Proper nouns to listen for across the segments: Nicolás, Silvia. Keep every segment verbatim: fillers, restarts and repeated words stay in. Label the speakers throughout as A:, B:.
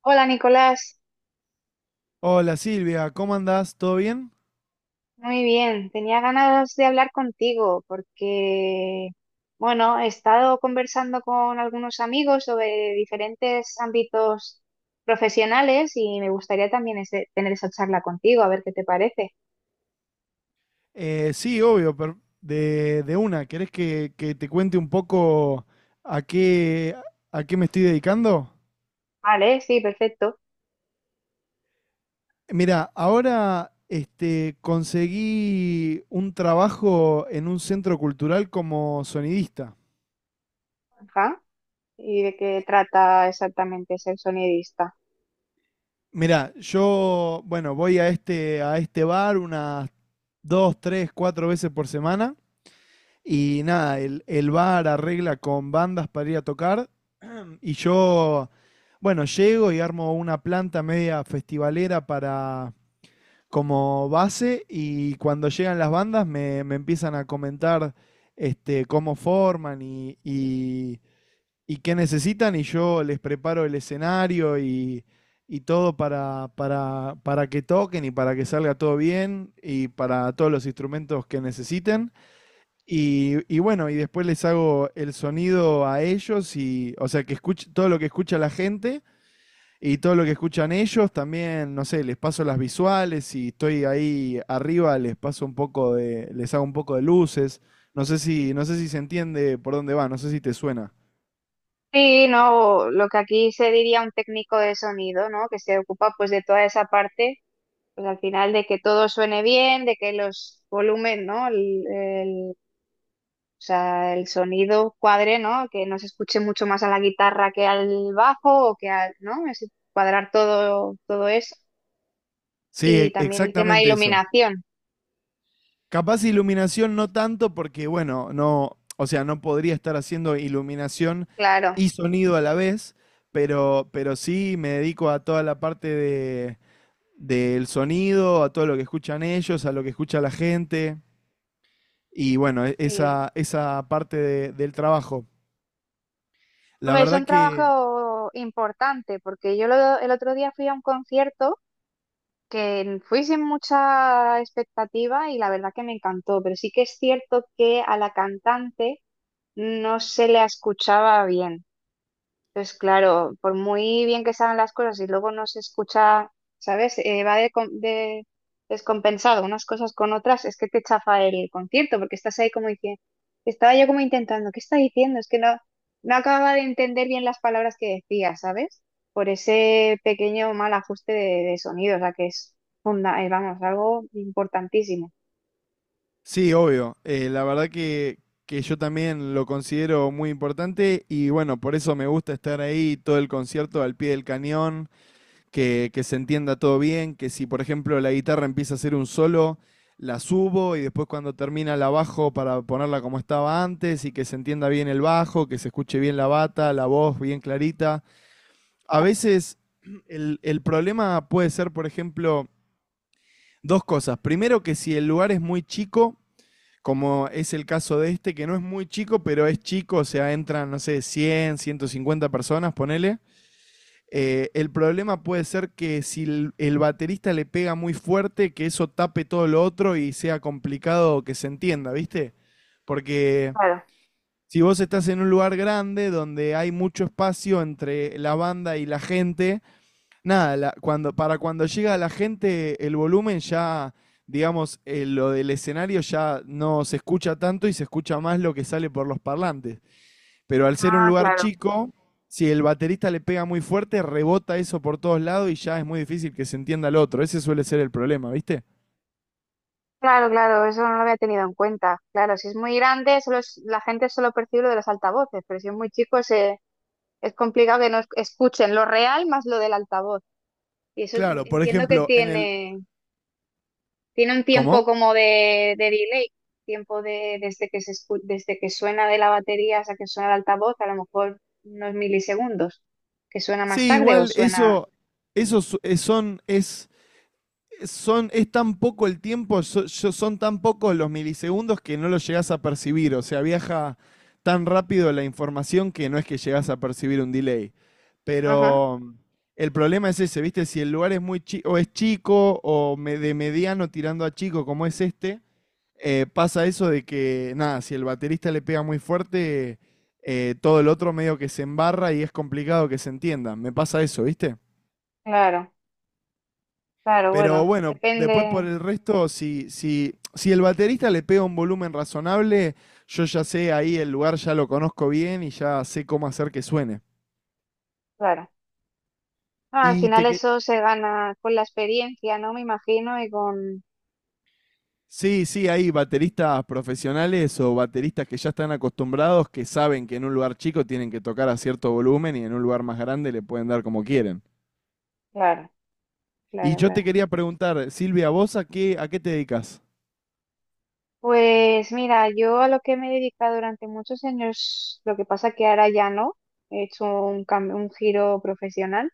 A: Hola Nicolás,
B: Hola Silvia, ¿cómo andás? ¿Todo bien?
A: muy bien. Tenía ganas de hablar contigo porque, bueno, he estado conversando con algunos amigos sobre diferentes ámbitos profesionales y me gustaría también ese- tener esa charla contigo, a ver qué te parece.
B: Eh, sí, obvio, per- de, de una. ¿Querés que, que te cuente un poco a qué, a qué me estoy dedicando?
A: Vale, sí, perfecto.
B: Mira, ahora este, conseguí un trabajo en un centro cultural como sonidista.
A: Ajá. ¿Y de qué trata exactamente ser sonidista?
B: Mira, yo, bueno, voy a este, a este bar unas dos, tres, cuatro veces por semana. Y nada, el, el bar arregla con bandas para ir a tocar. Y yo, bueno, llego y armo una planta media festivalera para como base y cuando llegan las bandas me, me empiezan a comentar este, cómo forman y, y, y qué necesitan y yo les preparo el escenario y, y todo para, para, para que toquen y para que salga todo bien y para todos los instrumentos que necesiten. Y, y bueno, y después les hago el sonido a ellos y, o sea, que escuche todo lo que escucha la gente y todo lo que escuchan ellos, también, no sé, les paso las visuales y estoy ahí arriba, les paso un poco de, les hago un poco de luces. No sé si, no sé si se entiende por dónde va, no sé si te suena.
A: Sí, no, lo que aquí se diría un técnico de sonido, ¿no? Que se ocupa pues de toda esa parte pues al final de que todo suene bien, de que los volúmenes, ¿no? El, el- o sea, el sonido cuadre, ¿no? Que no se escuche mucho más a la guitarra que al bajo o que al, ¿no? Es cuadrar todo, todo eso.
B: Sí,
A: Y
B: e-
A: también el tema de
B: exactamente eso.
A: iluminación,
B: Capaz iluminación no tanto porque, bueno, no, o sea, no podría estar haciendo iluminación
A: claro.
B: y sonido a la vez, pero, pero sí me dedico a toda la parte de, del sonido, a todo lo que escuchan ellos, a lo que escucha la gente y bueno, e-
A: Sí.
B: esa, esa parte de- del trabajo. La
A: Hombre, es
B: verdad
A: un
B: que,
A: trabajo importante porque yo lo- el otro día fui a un concierto que fui sin mucha expectativa y la verdad que me encantó, pero sí que es cierto que a la cantante no se la escuchaba bien. Entonces, claro, por muy bien que saben las cosas y luego no se escucha, ¿sabes? Eh, va de, com- de- descompensado unas cosas con otras, es que te chafa el concierto, porque estás ahí como diciendo, estaba yo como intentando, ¿qué está diciendo? Es que no, no acababa de entender bien las palabras que decía, ¿sabes? Por ese pequeño mal ajuste de, de sonido, o sea, que es funda, eh, vamos, algo importantísimo.
B: sí, obvio, eh, la verdad que, que yo también lo considero muy importante y bueno, por eso me gusta estar ahí todo el concierto al pie del cañón que, que se entienda todo bien, que si por ejemplo la guitarra empieza a hacer un solo, la subo y después cuando termina la bajo para ponerla como estaba antes y que se entienda bien el bajo, que se escuche bien la bata, la voz bien clarita. A veces el, el problema puede ser, por ejemplo, dos cosas. Primero que si el lugar es muy chico, como es el caso de este, que no es muy chico, pero es chico, o sea, entran, no sé, cien ciento cincuenta personas, ponele. Eh, el problema puede ser que si el, el baterista le pega muy fuerte, que eso tape todo lo otro y sea complicado que se entienda, ¿viste? Porque
A: Claro.
B: si vos estás en un lugar grande donde hay mucho espacio entre la banda y la gente, nada, la- cuando, para cuando llega la gente el volumen ya, digamos, eh, lo del escenario ya no se escucha tanto y se escucha más lo que sale por los parlantes. Pero al ser un
A: Ah,
B: lugar
A: claro.
B: chico, si el baterista le pega muy fuerte, rebota eso por todos lados y ya es muy difícil que se entienda al otro. Ese suele ser el problema, ¿viste?
A: Claro, claro, eso no lo había tenido en cuenta. Claro, si es muy grande, solo es- la gente solo percibe lo de los altavoces, pero si es muy chico se, es complicado que no es- escuchen lo real más lo del altavoz. Y eso
B: Claro, por
A: entiendo que
B: ejemplo, en el.
A: tiene, tiene un
B: ¿Cómo?
A: tiempo como de, de delay, tiempo de, desde que se escu- desde que suena de la batería hasta que suena el altavoz, a lo mejor unos milisegundos, que suena más
B: Sí,
A: tarde o
B: igual
A: suena...
B: eso, eso su- eh, son, es son, es tan poco el tiempo, so- yo- son tan pocos los milisegundos que no lo llegás a percibir. O sea, viaja tan rápido la información que no es que llegás a percibir un delay.
A: Ajá,
B: Pero mm, el problema es ese, ¿viste? Si el lugar es muy chico, o es chico, o me- de mediano tirando a chico, como es este, eh, pasa eso de que, nada, si el baterista le pega muy fuerte, eh, todo el otro medio que se embarra y es complicado que se entienda. Me pasa eso, ¿viste?
A: claro, claro,
B: Pero
A: bueno,
B: bueno, después por
A: depende,
B: el resto, si, si, si el baterista le pega un volumen razonable, yo ya sé ahí el lugar, ya lo conozco bien y ya sé cómo hacer que suene.
A: claro. No, al
B: Y
A: final
B: te que...
A: eso se gana con la experiencia, ¿no? Me imagino, y con...
B: Sí, sí, hay bateristas profesionales o bateristas que ya están acostumbrados, que saben que en un lugar chico tienen que tocar a cierto volumen y en un lugar más grande le pueden dar como quieren.
A: Claro,
B: Y
A: claro,
B: yo te
A: claro.
B: quería preguntar, Silvia, ¿vos a qué, a qué te dedicas?
A: Pues mira, yo a lo que me he dedicado durante muchos años, lo que pasa que ahora ya no, he hecho un cambio, un giro profesional.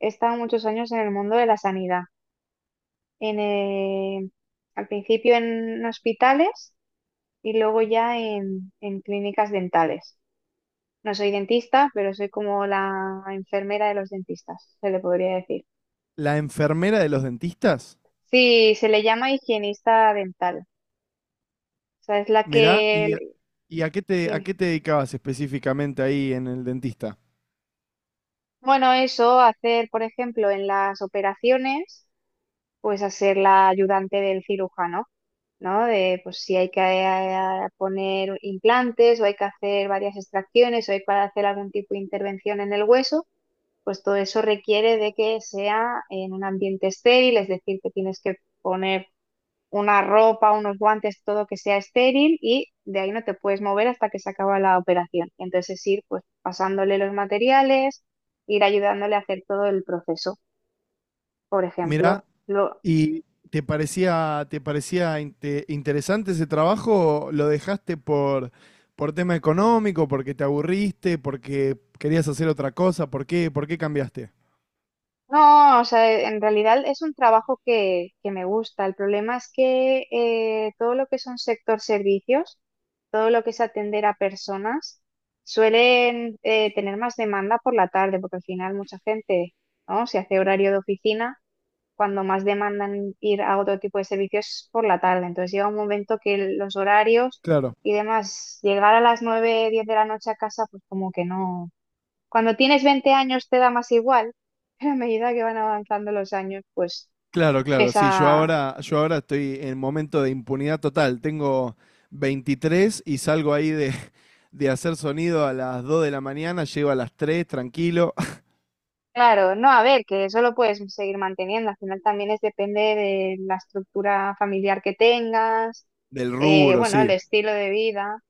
A: He estado muchos años en el mundo de la sanidad. En, eh, al principio en hospitales y luego ya en, en clínicas dentales. No soy dentista, pero soy como la enfermera de los dentistas, se le podría decir.
B: ¿La enfermera de los dentistas?
A: Sí, se le llama higienista dental. O sea, es la
B: Mirá, ¿y a,
A: que...
B: y a qué te, a
A: Dime.
B: qué te dedicabas específicamente ahí en el dentista?
A: Bueno, eso, hacer, por ejemplo, en las operaciones, pues hacer la ayudante del cirujano, ¿no? De, pues si hay que eh, poner implantes o hay que hacer varias extracciones o hay que hacer algún tipo de intervención en el hueso, pues todo eso requiere de que sea en un ambiente estéril, es decir, que tienes que poner una ropa, unos guantes, todo que sea estéril y de ahí no te puedes mover hasta que se acaba la operación. Entonces ir pues pasándole los materiales, ir ayudándole a hacer todo el proceso, por
B: Mirá,
A: ejemplo. Lo...
B: ¿y te parecía, te parecía inte- interesante ese trabajo? ¿Lo dejaste por, por tema económico, porque te aburriste, porque querías hacer otra cosa? ¿Por qué, por qué cambiaste?
A: No, o sea, en realidad es un trabajo que, que me gusta. El problema es que eh, todo lo que son sector servicios, todo lo que es atender a personas, suelen eh, tener más demanda por la tarde, porque al final mucha gente, ¿no? Si hace horario de oficina cuando más demandan ir a otro tipo de servicios es por la tarde. Entonces llega un momento que los horarios
B: Claro,
A: y demás, llegar a las nueve diez de la noche a casa, pues como que no. Cuando tienes veinte años te da más igual, pero a medida que van avanzando los años, pues
B: claro, claro. Sí, yo
A: pesa.
B: ahora, yo ahora estoy en momento de impunidad total. Tengo veintitrés y salgo ahí de, de hacer sonido a las dos de la mañana, llego a las tres tranquilo.
A: Claro, no, a ver, que eso lo puedes seguir manteniendo. Al final también es depende de la estructura familiar que tengas,
B: Del
A: eh,
B: rubro,
A: bueno, el
B: sí.
A: estilo de vida.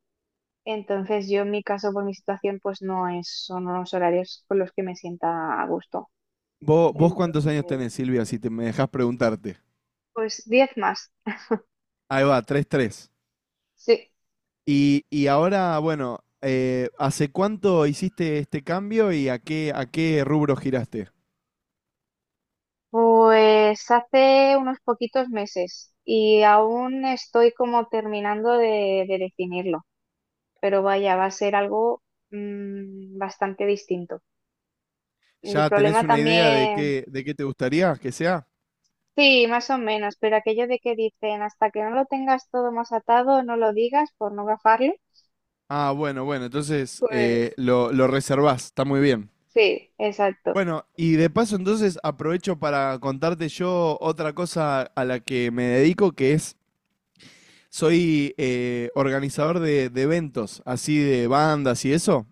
A: Entonces yo en mi caso, por mi situación, pues no es, son unos horarios con los que me sienta a gusto.
B: Vos, vos cuántos años
A: Entonces,
B: tenés, Silvia, si te me dejás preguntarte.
A: pues diez más.
B: Ahí va, tres tres.
A: Sí,
B: Y, y ahora, bueno, eh, ¿hace cuánto hiciste este cambio y a qué, a qué rubro giraste?
A: pues hace unos poquitos meses y aún estoy como terminando de, de definirlo, pero vaya, va a ser algo mm, bastante distinto. El
B: ¿Ya tenés
A: problema
B: una idea de
A: también,
B: qué, de qué te gustaría que sea?
A: sí, más o menos, pero aquello de que dicen hasta que no lo tengas todo más atado, no lo digas por no gafarlo.
B: Ah, bueno, bueno, entonces
A: Pues
B: eh, lo, lo reservás, está muy bien.
A: sí, exacto.
B: Bueno, y de paso entonces aprovecho para contarte yo otra cosa a la que me dedico, que es, soy eh, organizador de, de eventos, así de bandas y eso.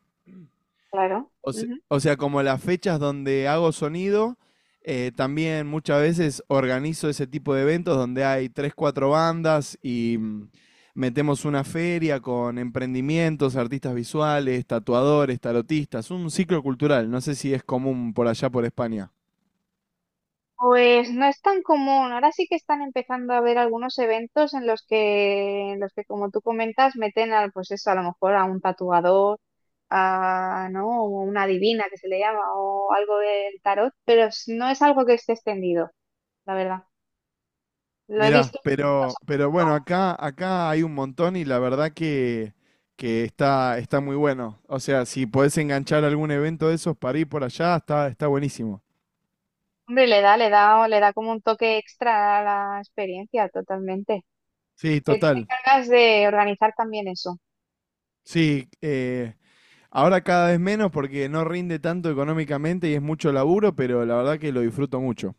A: Claro.
B: O se-
A: Ujú.
B: o sea, como las fechas donde hago sonido, eh, también muchas veces organizo ese tipo de eventos donde hay tres, cuatro bandas y mm, metemos una feria con emprendimientos, artistas visuales, tatuadores, tarotistas, un ciclo cultural. No sé si es común por allá por España.
A: Pues no es tan común. Ahora sí que están empezando a haber algunos eventos en los que, en los que, como tú comentas, meten al, pues eso, a lo mejor a un tatuador, a, ¿no? O una divina que se le llama, o algo del tarot, pero s- no es algo que esté extendido, la verdad. Lo he
B: Mirá,
A: visto. O
B: pero,
A: sea,
B: pero bueno, acá, acá hay un montón y la verdad que, que está, está muy bueno. O sea, si podés enganchar algún evento de esos para ir por allá, está, está buenísimo.
A: hombre, le da, le da, le da como un toque extra a la experiencia, totalmente.
B: Sí,
A: Pero tú te
B: total.
A: encargas de organizar también eso.
B: Sí, eh, ahora cada vez menos porque no rinde tanto económicamente y es mucho laburo, pero la verdad que lo disfruto mucho.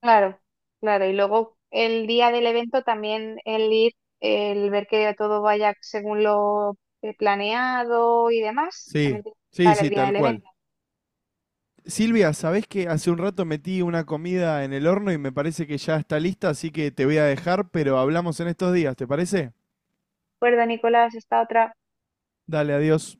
A: Claro, claro. Y luego el día del evento también el ir, el ver que todo vaya según lo eh, planeado y demás,
B: Sí,
A: también tiene que
B: sí,
A: estar el
B: sí,
A: día
B: tal
A: del
B: cual.
A: evento.
B: Silvia, ¿sabés que hace un rato metí una comida en el horno y me parece que ya está lista, así que te voy a dejar, pero hablamos en estos días, ¿te parece?
A: ¿De acuerdo, Nicolás? Esta otra.
B: Dale, adiós.